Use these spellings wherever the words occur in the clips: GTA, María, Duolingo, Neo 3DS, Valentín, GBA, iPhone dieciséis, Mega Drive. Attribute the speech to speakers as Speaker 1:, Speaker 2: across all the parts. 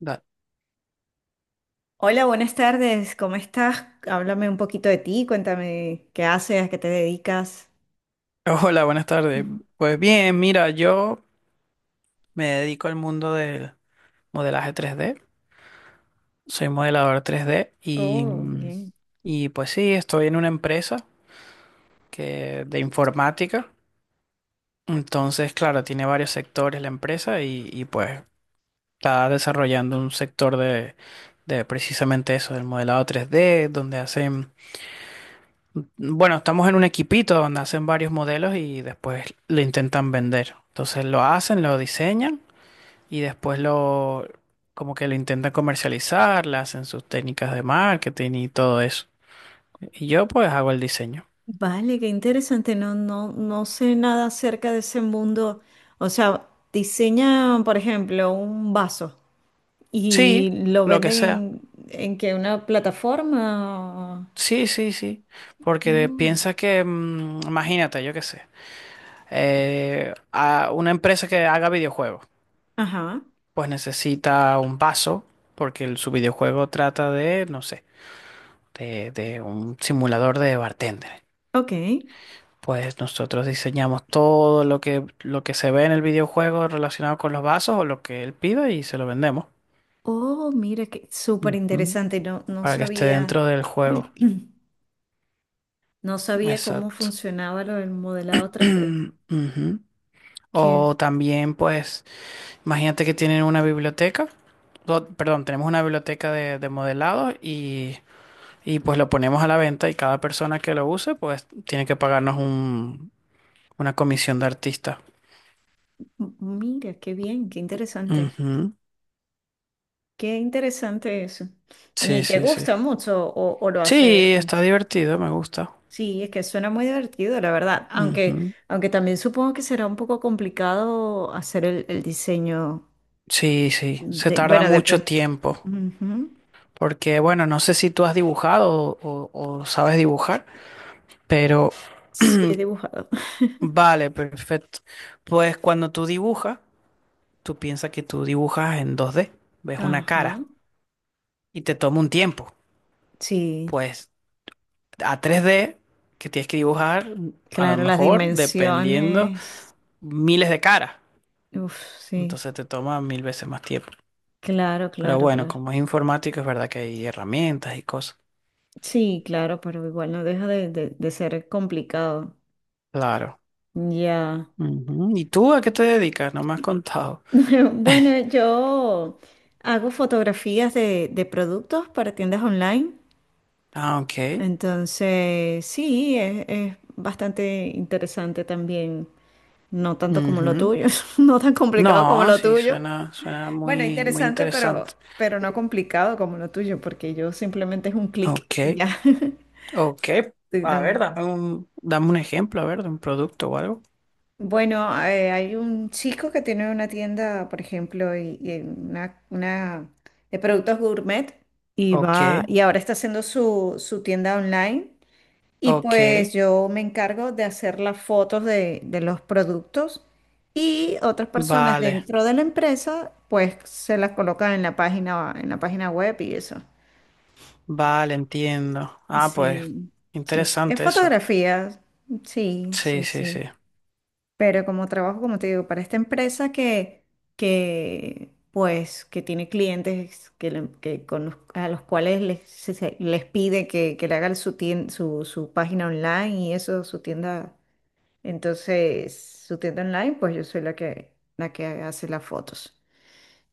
Speaker 1: Da-
Speaker 2: Hola, buenas tardes. ¿Cómo estás? Háblame un poquito de ti, cuéntame qué haces, a qué te dedicas.
Speaker 1: Hola, buenas tardes. Pues bien, mira, yo me dedico al mundo del modelaje 3D. Soy modelador 3D y,
Speaker 2: Oh, bien.
Speaker 1: y pues sí, estoy en una empresa que, de informática. Entonces, claro, tiene varios sectores la empresa pues está desarrollando un sector de precisamente eso, del modelado 3D donde hacen, bueno, estamos en un equipito donde hacen varios modelos y después lo intentan vender. Entonces lo hacen, lo diseñan. Y después como que lo intentan comercializar, le hacen sus técnicas de marketing y todo eso. Y yo pues hago el diseño.
Speaker 2: Vale, qué interesante. No, no, no sé nada acerca de ese mundo. O sea, diseñan, por ejemplo, un vaso y
Speaker 1: Sí,
Speaker 2: lo
Speaker 1: lo que
Speaker 2: venden
Speaker 1: sea.
Speaker 2: en que una plataforma.
Speaker 1: Sí, sí, sí. Porque
Speaker 2: Mm.
Speaker 1: piensa que, imagínate, yo qué sé, a una empresa que haga videojuegos,
Speaker 2: Ajá.
Speaker 1: pues necesita un vaso, porque su videojuego trata de, no sé, de un simulador de bartender.
Speaker 2: Ok.
Speaker 1: Pues nosotros diseñamos todo lo que se ve en el videojuego relacionado con los vasos o lo que él pida y se lo vendemos.
Speaker 2: Oh, mira, qué súper
Speaker 1: Ujú.
Speaker 2: interesante. No, no
Speaker 1: Para que esté
Speaker 2: sabía.
Speaker 1: dentro del juego.
Speaker 2: No sabía cómo
Speaker 1: Exacto.
Speaker 2: funcionaba lo del modelado tres d.
Speaker 1: Ujú.
Speaker 2: Que,
Speaker 1: O también, pues, imagínate que tienen una biblioteca. O, perdón, tenemos una biblioteca de modelado y pues lo ponemos a la venta y cada persona que lo use pues tiene que pagarnos una comisión de artista.
Speaker 2: Mira, qué bien, qué interesante.
Speaker 1: Ujú.
Speaker 2: Qué interesante eso.
Speaker 1: Sí,
Speaker 2: ¿Y te
Speaker 1: sí, sí.
Speaker 2: gusta mucho o lo haces?
Speaker 1: Sí, está divertido, me gusta.
Speaker 2: Sí, es que suena muy divertido, la verdad. Aunque,
Speaker 1: Ujú.
Speaker 2: aunque también supongo que será un poco complicado hacer el diseño
Speaker 1: Sí, sí, se
Speaker 2: de,
Speaker 1: tarda
Speaker 2: bueno,
Speaker 1: mucho
Speaker 2: depende.
Speaker 1: tiempo.
Speaker 2: Ujú.
Speaker 1: Porque, bueno, no sé si tú has dibujado o sabes dibujar, pero
Speaker 2: Sí, he dibujado.
Speaker 1: vale, perfecto. Pues cuando tú dibujas, tú piensas que tú dibujas en 2D, ves una cara
Speaker 2: Ajá.
Speaker 1: y te toma un tiempo.
Speaker 2: Sí,
Speaker 1: Pues a 3D, que tienes que dibujar, a lo
Speaker 2: claro, las
Speaker 1: mejor, dependiendo,
Speaker 2: dimensiones.
Speaker 1: miles de caras.
Speaker 2: Uf, sí.
Speaker 1: Entonces te toma mil veces más tiempo.
Speaker 2: Claro,
Speaker 1: Pero
Speaker 2: claro,
Speaker 1: bueno,
Speaker 2: claro.
Speaker 1: como es informática, es verdad que hay herramientas y cosas.
Speaker 2: Sí, claro, pero igual no deja de ser complicado.
Speaker 1: Claro.
Speaker 2: Ya.
Speaker 1: Ujú. ¿Y tú a qué te dedicas? No me has contado.
Speaker 2: Bueno, yo hago fotografías de productos para tiendas online.
Speaker 1: Ah, ok.
Speaker 2: Entonces, sí, es bastante interesante también. No tanto como lo
Speaker 1: Ujú.
Speaker 2: tuyo, no tan complicado como
Speaker 1: No,
Speaker 2: lo
Speaker 1: sí,
Speaker 2: tuyo.
Speaker 1: suena, suena
Speaker 2: Bueno,
Speaker 1: muy, muy
Speaker 2: interesante,
Speaker 1: interesante.
Speaker 2: pero no complicado como lo tuyo, porque yo simplemente es un clic
Speaker 1: Ok,
Speaker 2: y ya.
Speaker 1: ok.
Speaker 2: Sí,
Speaker 1: A ver,
Speaker 2: no.
Speaker 1: dame un ejemplo, a ver, de un producto o algo.
Speaker 2: Bueno, hay un chico que tiene una tienda, por ejemplo, y una de productos gourmet y
Speaker 1: Ok,
Speaker 2: va y ahora está haciendo su tienda online y
Speaker 1: ok.
Speaker 2: pues yo me encargo de hacer las fotos de los productos y otras personas
Speaker 1: Vale,
Speaker 2: dentro de la empresa pues se las colocan en la página web y eso.
Speaker 1: vale, entiendo. Ah, pues,
Speaker 2: Sí, sí, sí. Es
Speaker 1: interesante eso.
Speaker 2: fotografía. Sí,
Speaker 1: Sí,
Speaker 2: sí,
Speaker 1: sí,
Speaker 2: sí.
Speaker 1: sí.
Speaker 2: Pero como trabajo, como te digo, para esta empresa que tiene clientes que a los cuales les pide que le hagan su página online y eso, su tienda, entonces, su tienda online, pues yo soy la que hace las fotos.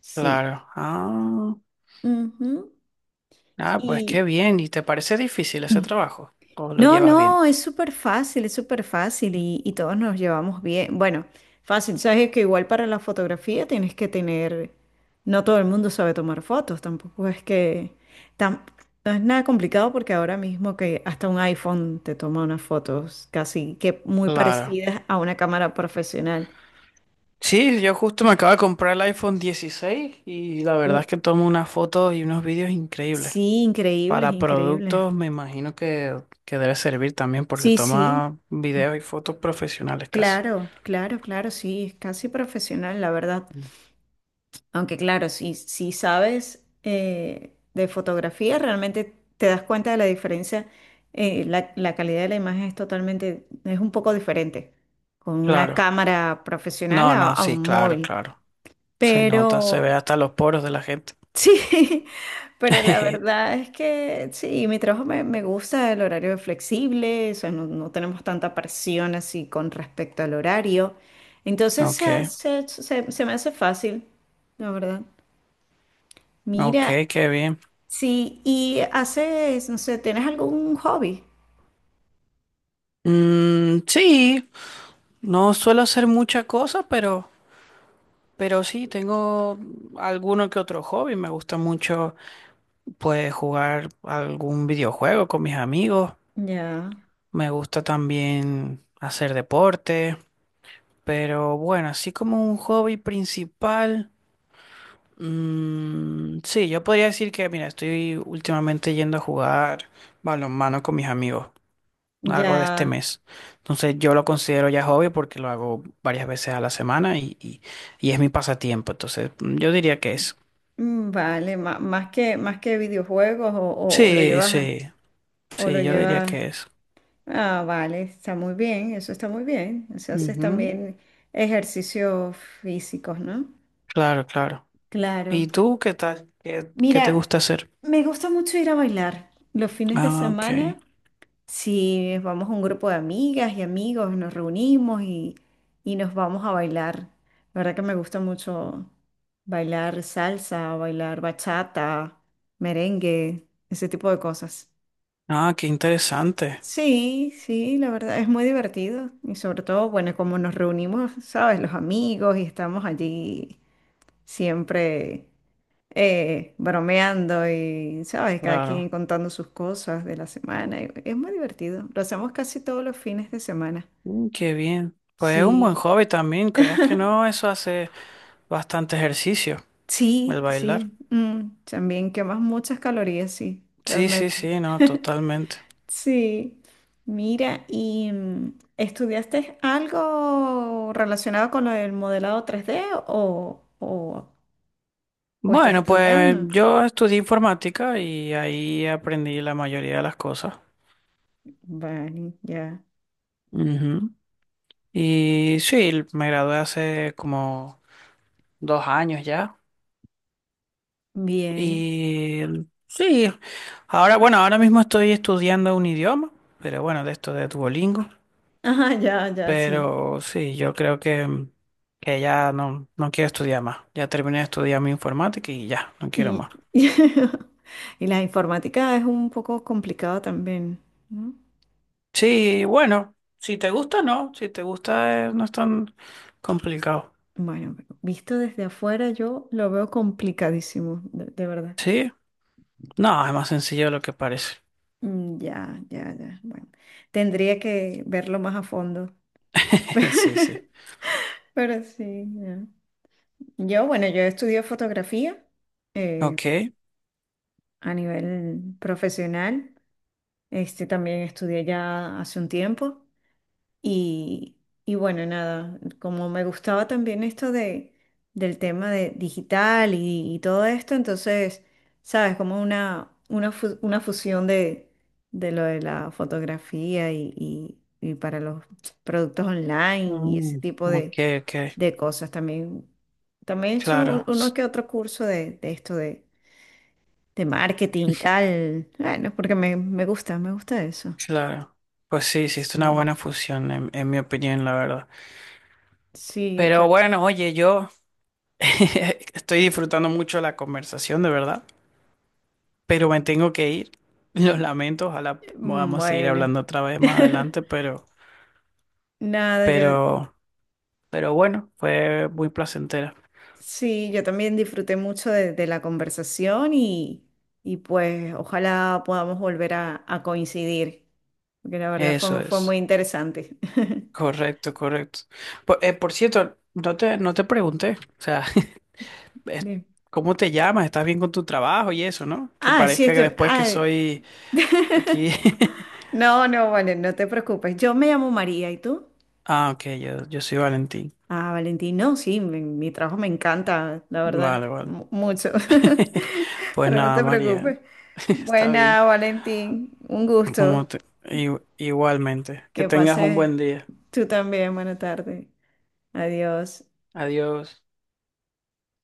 Speaker 2: Sí.
Speaker 1: Claro. Ah.
Speaker 2: Ujú.
Speaker 1: Ah, pues qué
Speaker 2: Y
Speaker 1: bien. ¿Y te parece difícil ese trabajo? ¿O lo
Speaker 2: no,
Speaker 1: llevas bien?
Speaker 2: no, es súper fácil y todos nos llevamos bien. Bueno, fácil, sabes que igual para la fotografía tienes que tener, no todo el mundo sabe tomar fotos, tampoco es tam- no es nada complicado porque ahora mismo que hasta un iPhone te toma unas fotos casi que muy
Speaker 1: Claro.
Speaker 2: parecidas a una cámara profesional.
Speaker 1: Sí, yo justo me acabo de comprar el iPhone 16 y la
Speaker 2: Uh,
Speaker 1: verdad es que tomo unas fotos y unos vídeos increíbles.
Speaker 2: sí, increíbles,
Speaker 1: Para
Speaker 2: increíbles.
Speaker 1: productos me imagino que debe servir también porque
Speaker 2: Sí, sí,
Speaker 1: toma videos y fotos profesionales casi.
Speaker 2: claro, claro, claro, sí, es casi profesional, la verdad.
Speaker 1: Mm.
Speaker 2: Aunque claro, si sabes de fotografía, realmente te das cuenta de la diferencia. La calidad de la imagen es totalmente, es un poco diferente con una
Speaker 1: Claro.
Speaker 2: cámara profesional
Speaker 1: No,
Speaker 2: a,
Speaker 1: no,
Speaker 2: a
Speaker 1: sí,
Speaker 2: un
Speaker 1: claro,
Speaker 2: móvil.
Speaker 1: claro. Se nota, se
Speaker 2: Pero
Speaker 1: ve hasta los poros de la gente.
Speaker 2: sí, pero la verdad es que sí, mi trabajo me gusta, el horario es flexible, o sea, no, no tenemos tanta presión así con respecto al horario. Entonces se,
Speaker 1: Ok,
Speaker 2: hace- se se- se me hace fácil, la verdad. Mira,
Speaker 1: ok, qué bien.
Speaker 2: sí, y haces, no sé, ¿tienes algún hobby?
Speaker 1: Mm, sí, no suelo hacer muchas cosas, pero sí, tengo alguno que otro hobby. Me gusta mucho, pues, jugar algún videojuego con mis amigos.
Speaker 2: Ya,
Speaker 1: Me gusta también hacer deporte, pero bueno, así como un hobby principal, mm, sí, yo podría decir que, mira, estoy últimamente yendo a jugar balonmano con mis amigos.
Speaker 2: ya,
Speaker 1: Algo de este mes. Entonces yo lo considero ya hobby porque lo hago varias veces a la semana y es mi pasatiempo. Entonces yo diría que es.
Speaker 2: vale, más que videojuegos o, o lo
Speaker 1: Sí,
Speaker 2: llevas, a-
Speaker 1: sí,
Speaker 2: o lo
Speaker 1: sí, yo diría
Speaker 2: llevas,
Speaker 1: que es.
Speaker 2: ah, vale, está muy bien, eso está muy bien, o sea, haces
Speaker 1: Ujú.
Speaker 2: también ejercicios físicos, ¿no?
Speaker 1: Claro, claro. ¿Y
Speaker 2: Claro.
Speaker 1: tú qué tal? ¿Qué te
Speaker 2: Mira,
Speaker 1: gusta hacer?
Speaker 2: me gusta mucho ir a bailar los fines de
Speaker 1: Ah, ok.
Speaker 2: semana. Si vamos a un grupo de amigas y amigos, nos reunimos y nos vamos a bailar. La verdad que me gusta mucho bailar salsa, bailar bachata, merengue, ese tipo de cosas.
Speaker 1: Ah, qué interesante.
Speaker 2: Sí, sí, la verdad es muy divertido y sobre todo, bueno, como nos reunimos, ¿sabes? Los amigos y estamos allí siempre bromeando y, ¿sabes? Cada quien
Speaker 1: Claro.
Speaker 2: contando sus cosas de la semana. Y es muy divertido. Lo hacemos casi todos los fines de semana.
Speaker 1: Qué bien. Pues es un buen
Speaker 2: Sí,
Speaker 1: hobby también, creas que no, eso hace bastante ejercicio, el
Speaker 2: sí,
Speaker 1: bailar.
Speaker 2: sí. También quemas muchas calorías, sí,
Speaker 1: Sí, sí,
Speaker 2: realmente.
Speaker 1: sí, no, totalmente.
Speaker 2: Sí. Mira, ¿y estudiaste algo relacionado con lo del modelado tres d o estás
Speaker 1: Bueno, pues
Speaker 2: estudiando?
Speaker 1: yo estudié informática y ahí aprendí la mayoría de las cosas.
Speaker 2: Vale, ya.
Speaker 1: Ujú. Y sí, me gradué hace como 2 años ya.
Speaker 2: Bien.
Speaker 1: Y sí, ahora, bueno, ahora mismo estoy estudiando un idioma, pero bueno, de esto de Duolingo.
Speaker 2: Ajá, ya, ya, sí.
Speaker 1: Pero sí, yo creo que ya no, no quiero estudiar más. Ya terminé de estudiar mi informática y ya, no quiero
Speaker 2: Y,
Speaker 1: más.
Speaker 2: y la informática es un poco complicada también, ¿no?
Speaker 1: Sí, bueno, si te gusta, no. Si te gusta, no es tan complicado.
Speaker 2: Bueno, pero visto desde afuera yo lo veo complicadísimo, de verdad.
Speaker 1: Sí, no, es más sencillo de lo que parece.
Speaker 2: Ya, ya, ya. Bueno, tendría que verlo más a fondo.
Speaker 1: Sí, sí.
Speaker 2: Pero sí, ya. Yo, bueno, yo estudié fotografía eh,
Speaker 1: Ok.
Speaker 2: a nivel profesional. Este también estudié ya hace un tiempo. Y, y bueno, nada, como me gustaba también esto del tema de digital y todo esto, entonces, sabes, como una fusión de lo de la fotografía y para los productos online y ese
Speaker 1: Mm,
Speaker 2: tipo
Speaker 1: ok, ok.
Speaker 2: de cosas. También, también he hecho
Speaker 1: Claro,
Speaker 2: uno que otro curso de esto de marketing y tal. Bueno, porque me, me gusta eso.
Speaker 1: claro. Pues sí, sí, es una
Speaker 2: Sí,
Speaker 1: buena fusión, en mi opinión, la verdad.
Speaker 2: sí,
Speaker 1: Pero bueno, oye, yo estoy disfrutando mucho la conversación, de verdad, pero me tengo que ir. Lo lamento, ojalá podamos seguir
Speaker 2: Bueno,
Speaker 1: hablando otra vez más adelante,
Speaker 2: nada, yo
Speaker 1: pero, pero bueno, fue muy placentera.
Speaker 2: sí, yo también disfruté mucho de la conversación y pues ojalá podamos volver a coincidir, porque la verdad
Speaker 1: Eso
Speaker 2: fue, fue muy
Speaker 1: es.
Speaker 2: interesante.
Speaker 1: Correcto, correcto. Por cierto, no te pregunté, o sea, es-
Speaker 2: Bien.
Speaker 1: ¿cómo te llamas? ¿Estás bien con tu trabajo y eso, no? Que
Speaker 2: Ah, sí,
Speaker 1: parezca que
Speaker 2: estoy...
Speaker 1: después que
Speaker 2: ah,
Speaker 1: soy aquí.
Speaker 2: no, no, vale, no te preocupes. Yo me llamo María, ¿y tú?
Speaker 1: Ah, ok, yo soy Valentín.
Speaker 2: Ah, Valentín, no, sí, mi trabajo me encanta, la verdad,
Speaker 1: Vale, vale.
Speaker 2: mucho.
Speaker 1: Pues
Speaker 2: Pero no
Speaker 1: nada,
Speaker 2: te
Speaker 1: María,
Speaker 2: preocupes.
Speaker 1: está bien.
Speaker 2: Buena, Valentín, un
Speaker 1: Como
Speaker 2: gusto.
Speaker 1: te- i- Igualmente, que
Speaker 2: Que
Speaker 1: tengas un
Speaker 2: pases
Speaker 1: buen día.
Speaker 2: tú también. Buena tarde. Adiós.
Speaker 1: Adiós.